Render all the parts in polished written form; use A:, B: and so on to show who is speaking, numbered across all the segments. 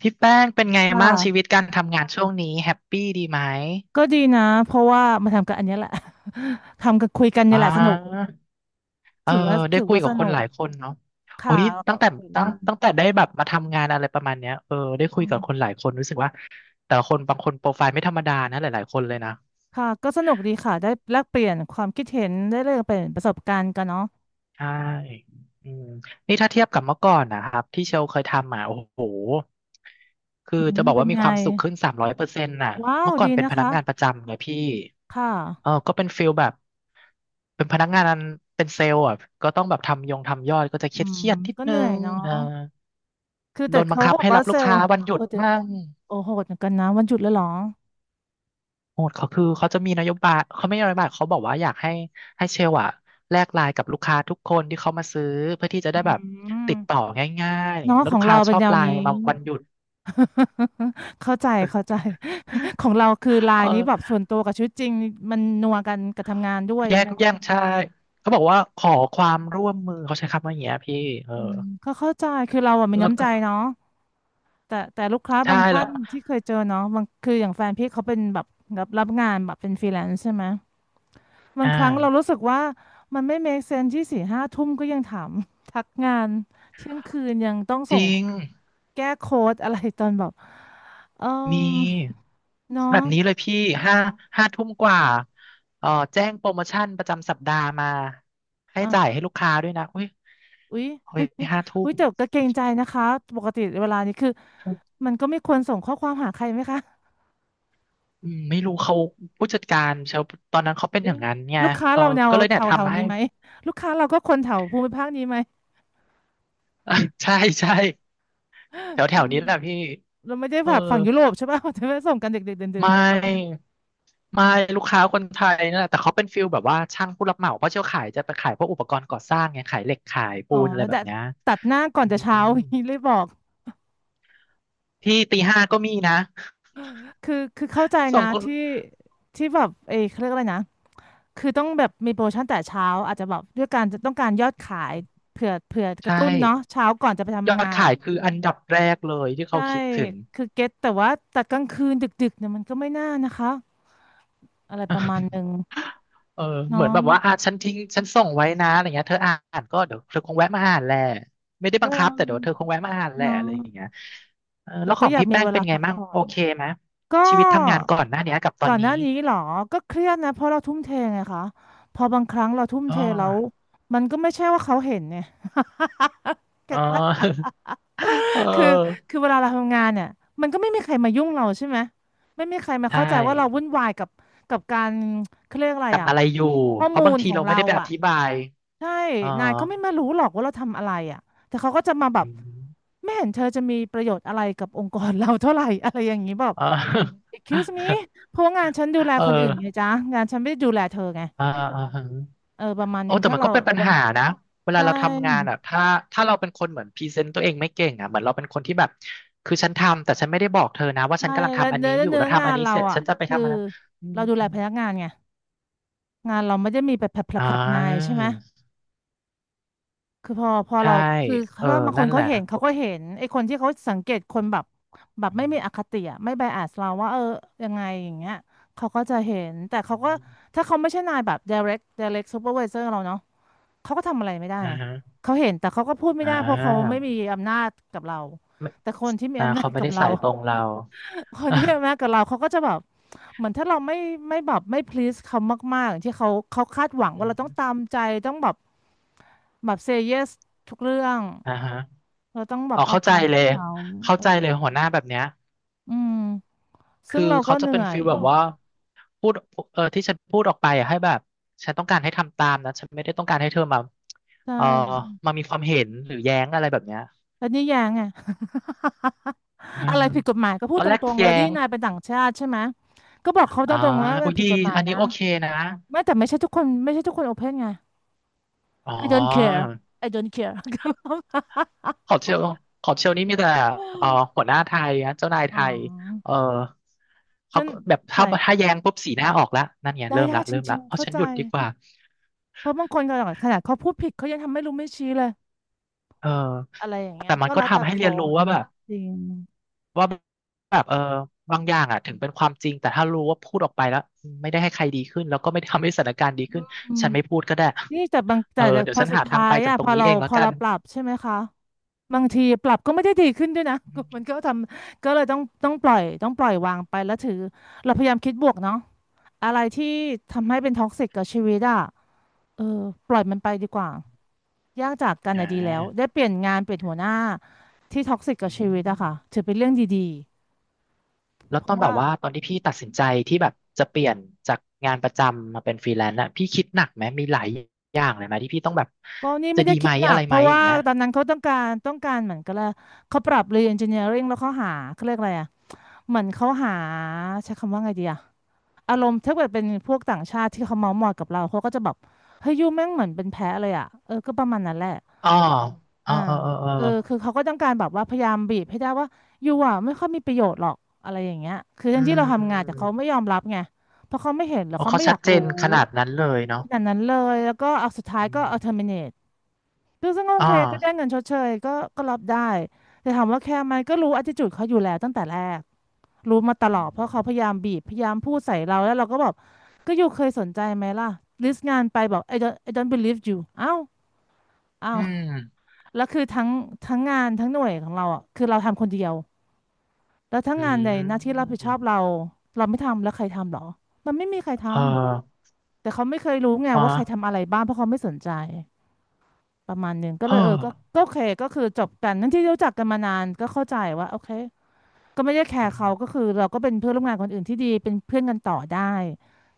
A: พี่แป้งเป็นไง
B: ค่ะ
A: บ้างชีวิตการทำงานช่วงนี้แฮปปี้ดีไหม
B: ก็ดีนะเพราะว่ามาทำกันอันเนี้ยแหละ ทำกันคุยกันเนี่
A: อ่
B: ยแหละสนุก
A: าเออ
B: ถือว่า
A: ได้
B: ถือ
A: คุย
B: ว่าส
A: กับคน
B: นุ
A: ห
B: ก
A: ลายคนเนาะโอ้
B: ค่ะ
A: ย
B: แล้วก็
A: ตั้งแต่
B: เห็่
A: ตั้งแต่ได้แบบมาทำงานอะไรประมาณเนี้ยเออได้คุ
B: อ๋
A: ยกับคน
B: อ
A: หลายคนรู้สึกว่าแต่ละคนบางคนโปรไฟล์ไม่ธรรมดานะหลายๆคนเลยนะ
B: ค่ะก็สนุกดีค่ะได้แลกเปลี่ยนความคิดเห็นได้แลกเปลี่ยนประสบการณ์กันเนาะ
A: ใช่อืมนี่ถ้าเทียบกับเมื่อก่อนนะครับที่เชลเคยทำอ่ะโอ้โห คื
B: อื
A: อจะ
B: ม
A: บอก
B: เป็น
A: ว่ามี
B: ไง
A: ความสุขขึ้น300%น่ะ
B: ว้าว
A: เมื่อก่อ
B: ดี
A: นเป็น
B: นะ
A: พนัก
B: คะ
A: งานประจำไงพี่
B: ค่ะ
A: เออก็เป็นฟิลแบบ เป็นพนักงานเป็นเซลล์อ่ะ ก็ต้องแบบทำยงทำยอดก็จะเค
B: อื
A: รียดเค
B: ม
A: รียดนิด
B: ก็เห
A: นึ
B: นื่อย
A: ง
B: เนาะ
A: เออ
B: คือ
A: โด
B: แต่
A: นบัง
B: เขา
A: คั
B: ก็
A: บ
B: บอก
A: ให้
B: ว่า
A: รับ
B: เซ
A: ลูก
B: ล
A: ค้า
B: ล์
A: วันหยุ
B: โอ้
A: ด
B: แต่
A: มั่ง
B: โอ้โหดเหมือนกันนะวันหยุดแล้วเหรอ
A: โหดเขาคือเขาจะมีนโยบายเขาไม่ใช่นโยบายเขาบอกว่าอยากให้ให้เชลอะแลกไลน์กับลูกค้าทุกคนที่เขามาซื้อเพื่อที่จะ
B: อื
A: ได้แบบติดต่
B: ม
A: อง่าย
B: เนาะ
A: ๆแล้ว
B: ขอ
A: ลู
B: ง
A: ก
B: เรา
A: ค้าช
B: เป็น
A: อบ
B: แนว
A: ไล
B: นี้
A: น์มาวันหยุด
B: เข้าใจเข้าใจ ของเราคือไล
A: เอ
B: น์
A: อ
B: นี้แบบส่วนตัวกับชีวิตจริงมันนัวกันกับทำงานด้วย
A: แย่ง
B: เนาะ
A: แย่งใช่เขาบอกว่าขอความร่วมมือเขาใช้คำว่าอย่างเงี้ยพี่เออ
B: อืมก็เข้าใจคือเราอะมี
A: แล้ว
B: น้ำใจ
A: ก็
B: เนาะแต่ลูกค้า
A: ใช่
B: บาง
A: แล้
B: ท่า
A: ว
B: นที่เคยเจอเนาะบางคืออย่างแฟนพี่เขาเป็นแบบรับงานแบบเป็นฟรีแลนซ์ใช่ไหมบาง
A: อ่า
B: ครั้งเรารู้สึกว่ามันไม่ make sense ที่สี่ห้าทุ่มก็ยังถาม ทักงานเที่ยงคืนยังต้อง
A: จ
B: ส่ง
A: ริง
B: แก้โค้ดอะไรตอนแบบเออ
A: มี
B: เนาะ
A: แบบนี้เลยพี่ห้าห้าทุ่มกว่าเอ่อแจ้งโปรโมชั่นประจำสัปดาห์มาให้
B: อ่า
A: จ่าย
B: ฮะ
A: ให้ลูกค้าด้วยนะเฮ้ย
B: อุ๊ย
A: เฮ้ยห้าทุ่
B: อุ้
A: ม
B: ยแต่ก็เกรงใจนะคะปกติเวลานี้คือมันก็ไม่ควรส่งข้อความหาใครไหมคะ
A: อืมไม่รู้เขาผู้จัดการเชลตอนนั้นเขาเป็นอย่า
B: เอ๊ะ
A: งนั้นไง
B: ลูกค้า
A: เออ
B: เราแนว
A: ก็เลย
B: แถ
A: เนี่ย
B: วแถว
A: ทำให้
B: นี้ไหมลูกค้าเราก็คนแถวภูมิภาคนี้ไหม
A: ใช่ใช่แถว
B: เอ
A: แถวนี้แหละ
B: อ
A: พี่
B: เราไม่ได้
A: เอ
B: แบ
A: อ
B: บฝั่งยุโรปใช่ป่ะ เราจะไม่ส่งกันเด็กๆเดิ
A: ไม
B: น
A: ่ไม่ลูกค้าคนไทยนั่นแหละแต่เขาเป็นฟิลแบบว่าช่างผู้รับเหมาเพราะเชี่ยวขายจะไปขายพวกอุปกรณ์ก่อสร้างไงขายเหล็กขาย
B: ๆ
A: ปู
B: อ๋อ
A: นอะไรแบ
B: แต่
A: บเนี้ย
B: ตัดหน้าก่อ
A: อื
B: นจะเช้า
A: ม
B: อย่างนี้เลยบอก
A: ที่ตีห้าก็มีนะ
B: คือเข้าใจ
A: ส่
B: นะ
A: งคน
B: ที่แบบเอยเขาเรียกอะไรนะคือต้องแบบมีโปรโมชั่นแต่เช้าอาจจะแบบด้วยการจะต้องการยอดขายเผื่อกระ
A: ใช่
B: ตุ้นเนาะเช้าก่อนจะไป
A: ย
B: ทำ
A: อด
B: งาน
A: ขายคืออันดับแรกเลยที่เขา
B: ใช่
A: คิดถึง
B: คือเก็ตแต่ว่าแต่กลางคืนดึกๆเนี่ยมันก็ไม่น่านะคะอะไรประมาณหนึ่ง
A: เออเหมือน
B: เนาะ
A: แบบว่าอ่ะฉันทิ้งฉันส่งไว้นะอะไรเงี้ยเธออ่านก็เดี๋ยวเธอคงแวะมาอ่านแหละไม่ได้บั
B: ก็
A: งคับแต่เดี๋ยวเธอคงแวะมาอ่านแหละ
B: เนาะ
A: อะไรอย่างเงี้ยเออแล้
B: เรา
A: วข
B: ก็
A: อง
B: อยาก
A: พี่
B: มี
A: แป้ง
B: เว
A: เป็
B: ลา
A: นไง
B: พัก
A: บ้าง
B: ผ่อ
A: โอ
B: น
A: เคไหม
B: ก็
A: ชีวิตทำงานก่อนหน้าเนี้ยกับตอ
B: ก่อ
A: น
B: นห
A: นี้
B: น้านี้เหรอก็เครียดนะเพราะเราทุ่มเทไงคะพอบางครั้งเราทุ่ม
A: อ๋
B: เท
A: อ
B: แล้วมันก็ไม่ใช่ว่าเขาเห็นเนี่ยเก็
A: อ๋อ
B: ตปะ
A: เ
B: คือเออ
A: ออ
B: คือเวลาเราทำงานเนี่ยมันก็ไม่มีใครมายุ่งเราใช่ไหมไม่มีใครมา
A: ใช่
B: เข้าใจว่าเราวุ่นวายกับกับการเขาเรียกอะไร
A: กับ
B: อ่ะ
A: อะไรอยู่
B: ข้อ
A: เพ
B: มู
A: ราะบาง
B: ล
A: ที
B: ของ
A: เราไม่
B: เรา
A: ได้ไปอ
B: อ่ะ
A: ธิบาย
B: ใช่
A: เออ
B: นายเขาไม่มารู้หรอกว่าเราทำอะไรอ่ะแต่เขาก็จะมาแบ
A: อื
B: บ
A: ม
B: ไม่เห็นเธอจะมีประโยชน์อะไรกับองค์กรเราเท่าไหร่ อะไรอย่างนี้แบบ
A: เออ
B: excuse me เพราะว่างานฉันดูแล
A: เอ
B: คนอื่นไง
A: อ
B: จ๊ะงานฉันไม่ได้ดูแลเธอไง
A: อ่าอ่าฮะ
B: เออประมาณห
A: โอ้
B: นึ่ง
A: แต่
B: ถ้า
A: มันก็
B: เรา
A: เป็นปัญหานะเว
B: ใช
A: ลาเราทำงาน
B: ่
A: อ่ะถ้าเราเป็นคนเหมือนพรีเซนต์ตัวเองไม่เก่งอ่ะเหมือนเราเป็นคนที่แบบคือฉันทำแต่ฉันไม่ได้บอกเธอนะว่าฉั
B: ใช่
A: นกำลัง
B: แล้ว
A: ทำอัน
B: เนื้อ
A: นี้อยู่
B: เนื้อ
A: แล้วทำ
B: งา
A: อัน
B: น
A: นี้
B: เรา
A: เสร็จ
B: อ่ะ
A: ฉันจะไป
B: คือ
A: ทำอันนั้นอื
B: เรา
A: ม
B: ดูแลพนักงานไงงานเราไม่ได้มีแบบ
A: อ่
B: แผลบๆนายใช่
A: า
B: ไหม คือพอ
A: ใช่
B: เราคือเพ
A: เออ
B: ราะว่าบางค
A: นั่
B: น
A: นแห
B: เขา
A: ละ
B: เห็นเขา
A: ก็
B: ก็เห็นไอ้คนที่เขาสังเกตคนแบบแบบ
A: อื
B: ไม่มีอ
A: ม
B: คติอะไม่ไบแอสเราว่าเออยังไงอย่างเงี้ยเขาก็จะเห็นแต่เขาก็ถ้าเขาไม่ใช่นายแบบ direct supervisor เราเนาะเขาก็ทำอะไรไม่ได้
A: อ่า
B: ไง
A: ฮะ
B: เขาเห็นแต่เขาก็พูดไม่
A: อ่
B: ได้เพราะเขาไม่
A: า
B: มีอำนาจกับเราแต่คนที่มี
A: อ่า
B: อำนา
A: เขา
B: จ
A: ไม่
B: กับ
A: ได้
B: เรา
A: สายตรงเรา
B: คน
A: อ่ะ
B: ที่เป็นแม่กับเราเขาก็จะแบบเหมือนถ้าเราไม่ไม่แบบไม่ please เขามากๆอย่างที่เขาเขาคาดหวังว่า
A: อื
B: เราต้องตา
A: ม
B: มใจต้องแบบแบบ say yes ทุกเรื่อง
A: อ่าฮะ
B: เราต้องแบ
A: อ๋อ
B: บเอา
A: เข้าใจ
B: ใจ
A: เลย
B: เขา
A: เข้า
B: โอ้
A: ใจเลยหัวหน้าแบบเนี้ย
B: อืมซึ่
A: คือ
B: งเราก็
A: เขา
B: เห
A: จะ
B: นื่
A: เป็น
B: อ
A: ฟี
B: ย
A: ลแบบว่าพูดเออที่ฉันพูดออกไปอะให้แบบฉันต้องการให้ทำตามนะฉันไม่ได้ต้องการให้เธอมา
B: ใช
A: เออ
B: ่
A: มามีความเห็นหรือแย้งอะไรแบบเนี้ย
B: แล้วนี่ยังไง
A: เออ
B: อะไรผิดกฎหมายก็พู
A: ต
B: ด
A: อน
B: ต
A: แรก
B: รงๆเลย
A: แย้
B: นี่
A: ง
B: นายเป็นต่างชาติใช่ไหมก็บอกเขาต
A: อ่า
B: รงๆว่ามั
A: อุ้
B: น
A: ย
B: ผิ
A: ดี
B: ดกฎหมาย
A: อันนี้
B: นะ
A: โอเคนะ
B: ไม่แต่ไม่ใช่ทุกคนไม่ใช่ทุกคนโอเพนไง
A: อ๋อ
B: I don't care I don't care
A: ขอบเชลขอบเชลนี่มีแต่เอ่อหัวหน้าไทยนะเจ้านายไท
B: อ๋อ
A: ยเออเขา
B: ฉัน
A: ก็แบบ
B: ใส่
A: ถ้าถ้าแย้งปุ๊บสีหน้าออกแล้วนั่นไง
B: ได้
A: เริ่ม
B: ได้
A: ละ
B: จ
A: เริ่ม
B: ริ
A: ละ
B: งๆ
A: เอา
B: เข้า
A: ฉัน
B: ใจ
A: หยุดดีกว่า
B: เพราะบางคนขนาดเขาพูดผิดเขายังทำไม่รู้ไม่ชี้เลย
A: เออ
B: อะไรอย่างเงี้ย
A: แต่มั
B: ก็
A: นก็
B: แล้วแต่
A: ทำให้
B: ค
A: เรียนรู้
B: น
A: ว่าแบบ
B: จริง
A: ว่าแบบเออบางอย่างอ่ะถึงเป็นความจริงแต่ถ้ารู้ว่าพูดออกไปแล้วไม่ได้ให้ใครดีขึ้นแล้วก็ไม่ได้ทำให้สถานการณ์ดีขึ้น
B: อืม
A: ฉันไม่พูดก็ได้
B: นี่แต่บาง
A: เอ
B: แต่
A: อเดี๋ย
B: พ
A: ว
B: อ
A: ฉัน
B: สุด
A: หาทาง
B: ท้า
A: ไป
B: ย
A: จาก
B: อ่ะ
A: ตร
B: พ
A: ง
B: อ
A: นี้
B: เรา
A: เองแล้
B: พ
A: ว
B: อ
A: กั
B: เรา
A: น
B: ปรับใช่ไหมคะบางทีปรับก็ไม่ได้ดีขึ้นด้วยนะ มันก็ทำก็เลยต้องปล่อยวางไปแล้วถือเราพยายามคิดบวกเนาะอะไรที่ทำให้เป็นท็อกซิกกับชีวิตอ่ะเออปล่อยมันไปดีกว่า แยกจากกัน
A: อ่
B: อะดีแล้วได้
A: า
B: เปลี่ยนงานเปลี่ยนหัวหน้าที่ท็อกซิกกั
A: อื
B: บชีวิตอะค่ะ
A: ม
B: ถือเป็นเรื่องดีๆ
A: แล้ว
B: เพ
A: ตอ
B: ราะ
A: นแบ
B: ว่า
A: บว่าตอนที่พี่ตัดสินใจที่แบบจะเปลี่ยนจากงานประจำมาเป็นฟรีแลนซ์น่ะพี่คิดหนักไหมมีหลายอย่างเลยไหมที่พี่ต้องแบบ
B: ก็นี่
A: จะ
B: ไม่
A: ดี
B: ได้คิ
A: ไหม
B: ดหนั
A: อะ
B: ก
A: ไร
B: เพ
A: ไหม
B: ราะ
A: อ
B: ว่า
A: ย่างเงี้ย
B: ตอนนั้นเขาต้องการเหมือนกันละเขาปรับเรียน engineering แล้วเขาหาเขาเรียกอะไรอะเหมือนเขาหาใช้คำว่าไงดีอะอารมณ์ถ้าเกิดเป็นพวกต่างชาติที่เขาเมาท์มอยกับเราเขาก็จะแบบเฮ้ยยูแม่งเหมือนเป็นแพ้เลยอะเออก็ประมาณนั้นแหละ
A: อ๋อเอ
B: อ่า
A: อเออเออเอ
B: เออ
A: อ
B: คือเขาก็ต้องการแบบว่าพยายามบีบให้ได้ว่ายูอ่ะไม่ค่อยมีประโยชน์หรอกอะไรอย่างเงี้ยคือ
A: อื
B: ทั้งที่เราทำงานแต่เขา
A: ม
B: ไม่ยอมรับไงเพราะเขาไม่เห็นหรือ
A: โอ้
B: เขา
A: เขา
B: ไม่อ
A: ชั
B: ยา
A: ด
B: ก
A: เจ
B: รู้
A: นขนาดนั้นเลยเนาะ
B: อย่างนั้นเลยแล้วก็เอาสุดท้าย
A: อื
B: ก็
A: ม
B: เอา terminate ซึ่งโอ
A: อ๋อ
B: เคก็ได้เงินชดเชยก็รับได้แต่ถามว่าแคร์ไหมก็รู้ attitude เขาอยู่แล้วตั้งแต่แรกรู้มาตลอดเพราะเขาพยายามบีบพยายามพูดใส่เราแล้วเราก็แบบก็ยูเคยสนใจไหมล่ะลิสต์งานไปบอก I don't believe you เอ้าเอ้า
A: อืม
B: แล้วคือทั้งงานทั้งหน่วยของเราอ่ะคือเราทำคนเดียวแล้วทั้ง
A: อื
B: งานใน
A: ม
B: หน้าที่รับผิด
A: อื
B: ชอ
A: ม
B: บเราเราไม่ทำแล้วใครทำหรอมันไม่มีใครท
A: เอ
B: ำ
A: อ
B: แต่เขาไม่เคยรู้ไง
A: มา
B: ว่าใครทำอะไรบ้างเพราะเขาไม่สนใจประมาณหนึ่งก็
A: เอ
B: เล
A: อ
B: ยก็โอเคก็คือจบกันทั้งที่รู้จักกันมานานก็เข้าใจว่าโอเคก็ไม่ได้แคร์
A: อืม
B: เขาก็คือเราก็เป็นเพื่อนร่วมงานคนอื่นที่ดีเป็นเพื่อนกันต่อได้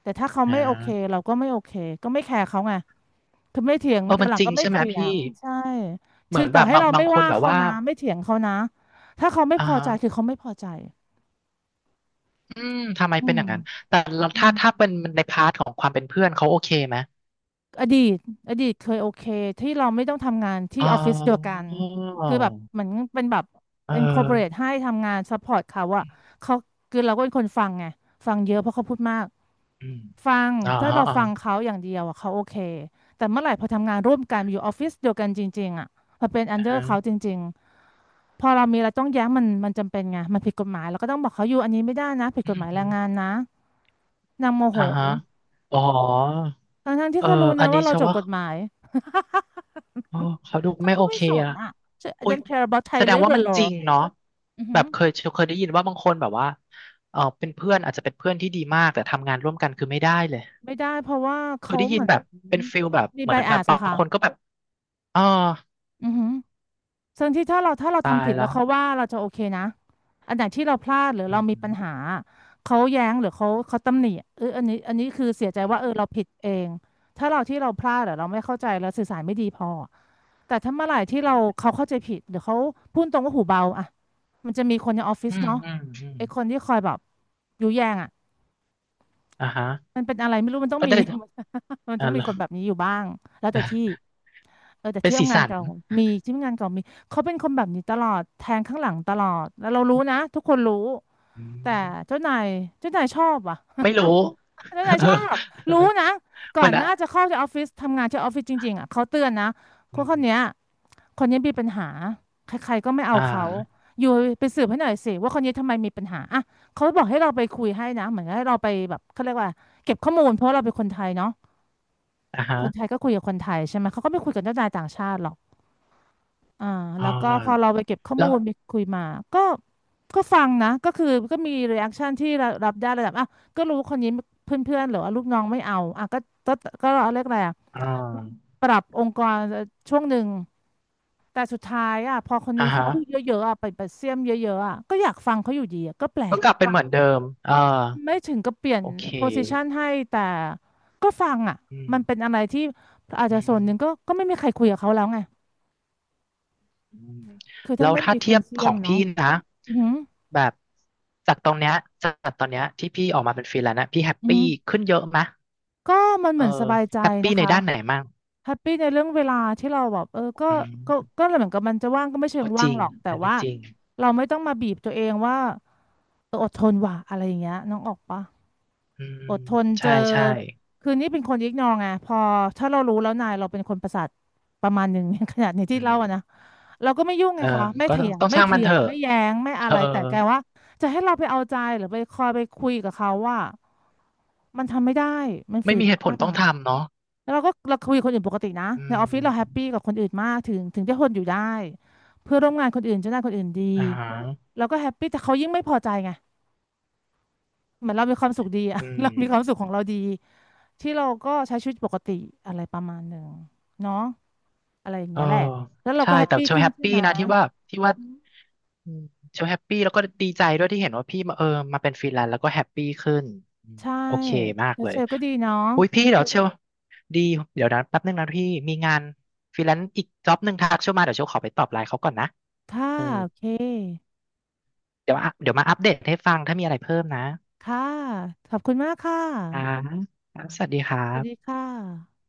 B: แต่ถ้าเขา
A: อ่
B: ไม่โอเค
A: า
B: เราก็ไม่โอเคก็ไม่แคร์เขาไง คือไม่เถียง
A: เออ
B: แต่
A: มัน
B: หลั
A: จ
B: ง
A: ริง
B: ก็ไม่
A: ใช่ไหม
B: เถีย
A: พี่
B: งใช่
A: เหมื
B: ถึ
A: อ
B: ง
A: นแบ
B: ต่อ
A: บ
B: ให้
A: บาง
B: เรา
A: บาง
B: ไม่
A: คน
B: ว่า
A: แบบ
B: เขา
A: ว่า
B: นะไม่เถียงเขานะถ้าเขาไม่
A: อ่า
B: พอใจคือเขาไม่พอใจ
A: อืมทำไม
B: อื
A: เป็นอ
B: ม
A: ย่างนั้นแต่เรา
B: อื
A: ถ้า
B: ม
A: เป็นในพาร์ทของความเป็นเพื่อนเขาโอเคไหม
B: อดีตอดีตเคยโอเคที่เราไม่ต้องทำงานที่
A: อ๋อ
B: ออฟฟิศเดียวกันคือแบบเหมือนเป็นแบบ
A: เออ
B: เป็นคอร์ปอเรทให้ทำงานซัพพอร์ตเขาอะเขาคือเราก็เป็นคนฟังไงฟังเยอะเพราะเขาพูดมาก
A: อืม
B: ฟัง
A: อ๋อ
B: ถ้า
A: ฮะ
B: เรา
A: อ๋อ
B: ฟังเขาอย่างเดียวอะเขาโอเคแต่เมื่อไหร่พอทำงานร่วมกันอยู่ออฟฟิศเดียวกันจริงๆอะพอเป็นอัน
A: อ่า
B: เดอร์เขาจ
A: ฮะ
B: ริงๆพอเรามีอะไรต้องแย้งมันจำเป็นไงมันผิดกฎหมายเราก็ต้องบอกเขาอยู่อันนี้ไม่ได้นะผิด
A: อื
B: กฎห
A: ม
B: มาย
A: อื
B: แร
A: ม
B: งงานนะนางโมโห
A: อ่าฮะอ๋อ
B: ทั้งที่
A: เออ
B: เขารู้
A: อั
B: นะ
A: นนี้
B: ว่าเรา
A: เชื่อ
B: จบ
A: ว่า
B: กฎหมาย
A: เออเขาดู
B: เขา
A: ไม่
B: ก็
A: โอ
B: ไม่
A: เค
B: สน
A: อะ
B: อ่ะ I
A: อุ้ย
B: don't care about
A: แส
B: Thai
A: ดงว่า
B: labor
A: มันจ
B: law
A: ริงเนาะ
B: อือ
A: แบ
B: หือ
A: บเคยเคยได้ยินว่าบางคนแบบว่าเออเป็นเพื่อนอาจจะเป็นเพื่อนที่ดีมากแต่ทำงานร่วมกันคือไม่ได้เลย
B: ไม่ได้เพราะว่า
A: เคย
B: เขา
A: ได้ยิ
B: เห
A: น
B: มือน
A: แบบเป็นฟิลแบบ
B: มี
A: เหมือนแบบ
B: bias
A: บา
B: อะ
A: ง
B: ค่ะ
A: คนก็แบบอ๋อ
B: อือหือ ส่วนที่ถ้าเรา
A: ตา
B: ทำ
A: ย
B: ผิดแล้
A: ละ
B: วเขาว่าเราจะโอเคนะอันไหนที่เราพลาดหรือ
A: อื
B: เรามีปัญหา
A: ม
B: เขาแย้งหรือเขาตำหนิเอออันนี้คือเสียใจว่าเออเราผิดเองถ้าเราที่เราพลาดหรือเราไม่เข้าใจเราสื่อสารไม่ดีพอแต่ถ้าเมื่อไหร่ที่เราเขาเข้าใจผิดหรือเขาพูดตรงว่าหูเบาอะมันจะมีคนในออฟฟิศ
A: อืม
B: เนาะ
A: อืมอืม
B: ไอคนที่คอยแบบยุแยงอะ
A: อ่าฮะ
B: มันเป็นอะไรไม่รู้มันต้อง
A: ก็
B: มี
A: ได้
B: มัน
A: อ่า
B: ต้อง
A: เห
B: มี
A: รอ
B: คน แบบนี้อยู่บ้างแล้วแต่ที่
A: อ่ะ
B: เออแต่
A: เป็น
B: ที่
A: สี
B: ทำงาน
A: สัน
B: เก่ามีที่ทำงานเก่ามีเขาเป็นคนแบบนี้ตลอดแทงข้างหลังตลอดแล้วเรารู้นะทุกคนรู้
A: อื
B: แต่
A: ม
B: เจ้านายเจ้านายชอบว่ะ
A: ไม่รู้
B: เจ้านายชอบรู้นะ
A: เห
B: ก่
A: มื
B: อ
A: อน
B: นห
A: อะ
B: น้าจะเข้าที่ออฟฟิศทำงานที่ออฟฟิศจริงๆอ่ะเขาเตือนนะค
A: อื
B: น
A: ม
B: คนเนี้ยคนนี้มีปัญหาใครๆก็ไม่เอา
A: อ่
B: เขา
A: า
B: อยู่ไปสืบให้หน่อยสิว่าคนนี้ทำไมมีปัญหาอ่ะเขาบอกให้เราไปคุยให้นะเหมือนให้เราไปแบบเขาเรียกว่าเก็บข้อมูลเพราะเราเป็นคนไทยเนาะ
A: อ่าฮะ
B: คนไทยก็คุยกับคนไทยใช่ไหมเขาก็ไม่คุยกับเจ้านายต่างชาติหรอกอ่า
A: อ่
B: แล้วก็พอเรา
A: า
B: ไปเก็บข้อมู
A: แล้ว
B: ลไปคุยมาก็ก็ฟังนะก็คือก็มีรีแอคชั่นที่รับได้ระดับอ่ะก็รู้คนนี้เพื่อนๆหรือว่าลูกน้องไม่เอาอ่ะก็ก็เรียกอะไรอ่ะ
A: อ่า
B: ปรับองค์กรช่วงหนึ่งแต่สุดท้ายอ่ะพอคน
A: อ่า
B: นี้เขา
A: ฮะ
B: พูดเยอะๆอ่ะไปเสียมเยอะๆอ่ะก็อยากฟังเขาอยู่ดีอ่ะก็แปล
A: ก็
B: ก
A: กลับเป็นเหมือนเดิมอ่า
B: ไม่ถึงกับเปลี่ยน
A: โอเค
B: โพสิชันให้แต่ก็ฟังอ่ะ
A: อื
B: มันเป็น
A: ม
B: อะไรที่อาจจะส่วน
A: อืม
B: หนึ่งก็ไม่มีใครคุยกับเขาแล้วไง
A: อืม
B: คือ
A: แล้
B: ถ้า
A: ว
B: ไม่
A: ถ้า
B: มีค
A: เที
B: น
A: ยบ
B: เสี
A: ข
B: ย
A: อ
B: ม
A: งพี่
B: เนาะ
A: นะ
B: อือหือ
A: แบบจากตรงเนี้ยจากตอนเนี้ยที่พี่ออกมาเป็นฟรีแลนซ์นะพี่แฮป
B: อือ
A: ปี้
B: หือ
A: ขึ้นเยอะไหมะ
B: ก็มันเห
A: เออ
B: มือนสบายใจ
A: แฮป
B: นะ
A: ปี้ใน
B: คะ
A: ด้านไหนมั่ง
B: แฮปปี้ในเรื่องเวลาที่เราแบบเออ
A: อื
B: ก็
A: ม
B: ก็เหมือนกับมันจะว่างก็ไม่เชิง
A: ก็จ
B: ว่าง
A: ริง
B: หรอก แต่
A: อันนี้
B: ว่า
A: จริง
B: เราไม่ต้องมาบีบตัวเองว่าเอออดทนว่ะอะไรอย่างเงี้ยน้องออกปะ
A: อืม
B: อดทนเจ
A: ใช่
B: อ
A: ใช่
B: คือนี่เป็นคนยิกนองไงพอถ้าเรารู้แล้วนายเราเป็นคนประสาทประมาณหนึ่ง ขนาดนี้ที่
A: อื
B: เล่าอะนะ
A: ม
B: เราก็ไม่ยุ่งไง
A: เออ
B: คะไม่
A: ก็
B: เถี
A: ต้อง
B: ยง
A: ต้อง
B: ไม่
A: ช่างมั
B: เถี
A: น
B: ย
A: เถ
B: ง
A: อะ
B: ไม่แย้งไม่อะ
A: เออ
B: ไรแต่แกว่าจะให้เราไปเอาใจหรือไปคอยไปคุยกับเขาว่ามันทำไม่ได้มันฝื
A: ไม่
B: น
A: มีเหตุผล
B: มา
A: ต้อง
B: ก
A: ทำเนาะ
B: แล้วเราก็เราคุยกับคนอื่นปกตินะ
A: อื
B: ในออฟฟิศเราแฮป
A: ม
B: ปี้กับคนอื่นมากถึงจะทนอยู่ได้เพื่อนร่วมงานคนอื่นเจ้านายคนอื่นดี
A: อ่าฮะ
B: เราก็แฮปปี้แต่เขายิ่งไม่พอใจไง เหมือนเรามีความสุขดีอะ
A: อื
B: เรา
A: ม
B: มีความสุขของเราดีที่เราก็ใช้ชีวิตปกติอะไรประมาณหนึ่งเนาะอะไรอย่าง
A: เออ
B: เงี้ยแหละ แล้วเรา
A: ใช่
B: ก็แฮปใช่
A: แต่
B: ปปี้
A: เชล
B: ขึ้น
A: แฮป
B: ใช่
A: ปี้
B: ไหม
A: นะที่ว่าที่ว่าอืมเชลแฮปปี้แล้วก็ดีใจด้วยที่เห็นว่าพี่มาเออมาเป็นฟรีแลนซ์แล้วก็แฮปปี้ขึ้นอืม
B: ใช่
A: โอเคมาก
B: แล้ว
A: เล
B: เช
A: ย
B: ลก็ดีเนาะ
A: อุ้ยพี่เดี๋ยวเชลดีเดี๋ยวนะแป๊บนึงนะพี่มีงานฟรีแลนซ์อีกจ็อบหนึ่งทักเชลมาเดี๋ยวเชลขอไปตอบไลน์เขาก่อนนะ
B: ค่ะ
A: เออ
B: โอเค
A: เดี๋ยวมาเดี๋ยวมาอัปเดตให้ฟังถ้ามีอะไรเพิ่มนะ
B: ค่ะขอบคุณมากค่
A: อ่า
B: ะ
A: ครับสวัสดีครั
B: สวัสดี
A: บ
B: ค่ะ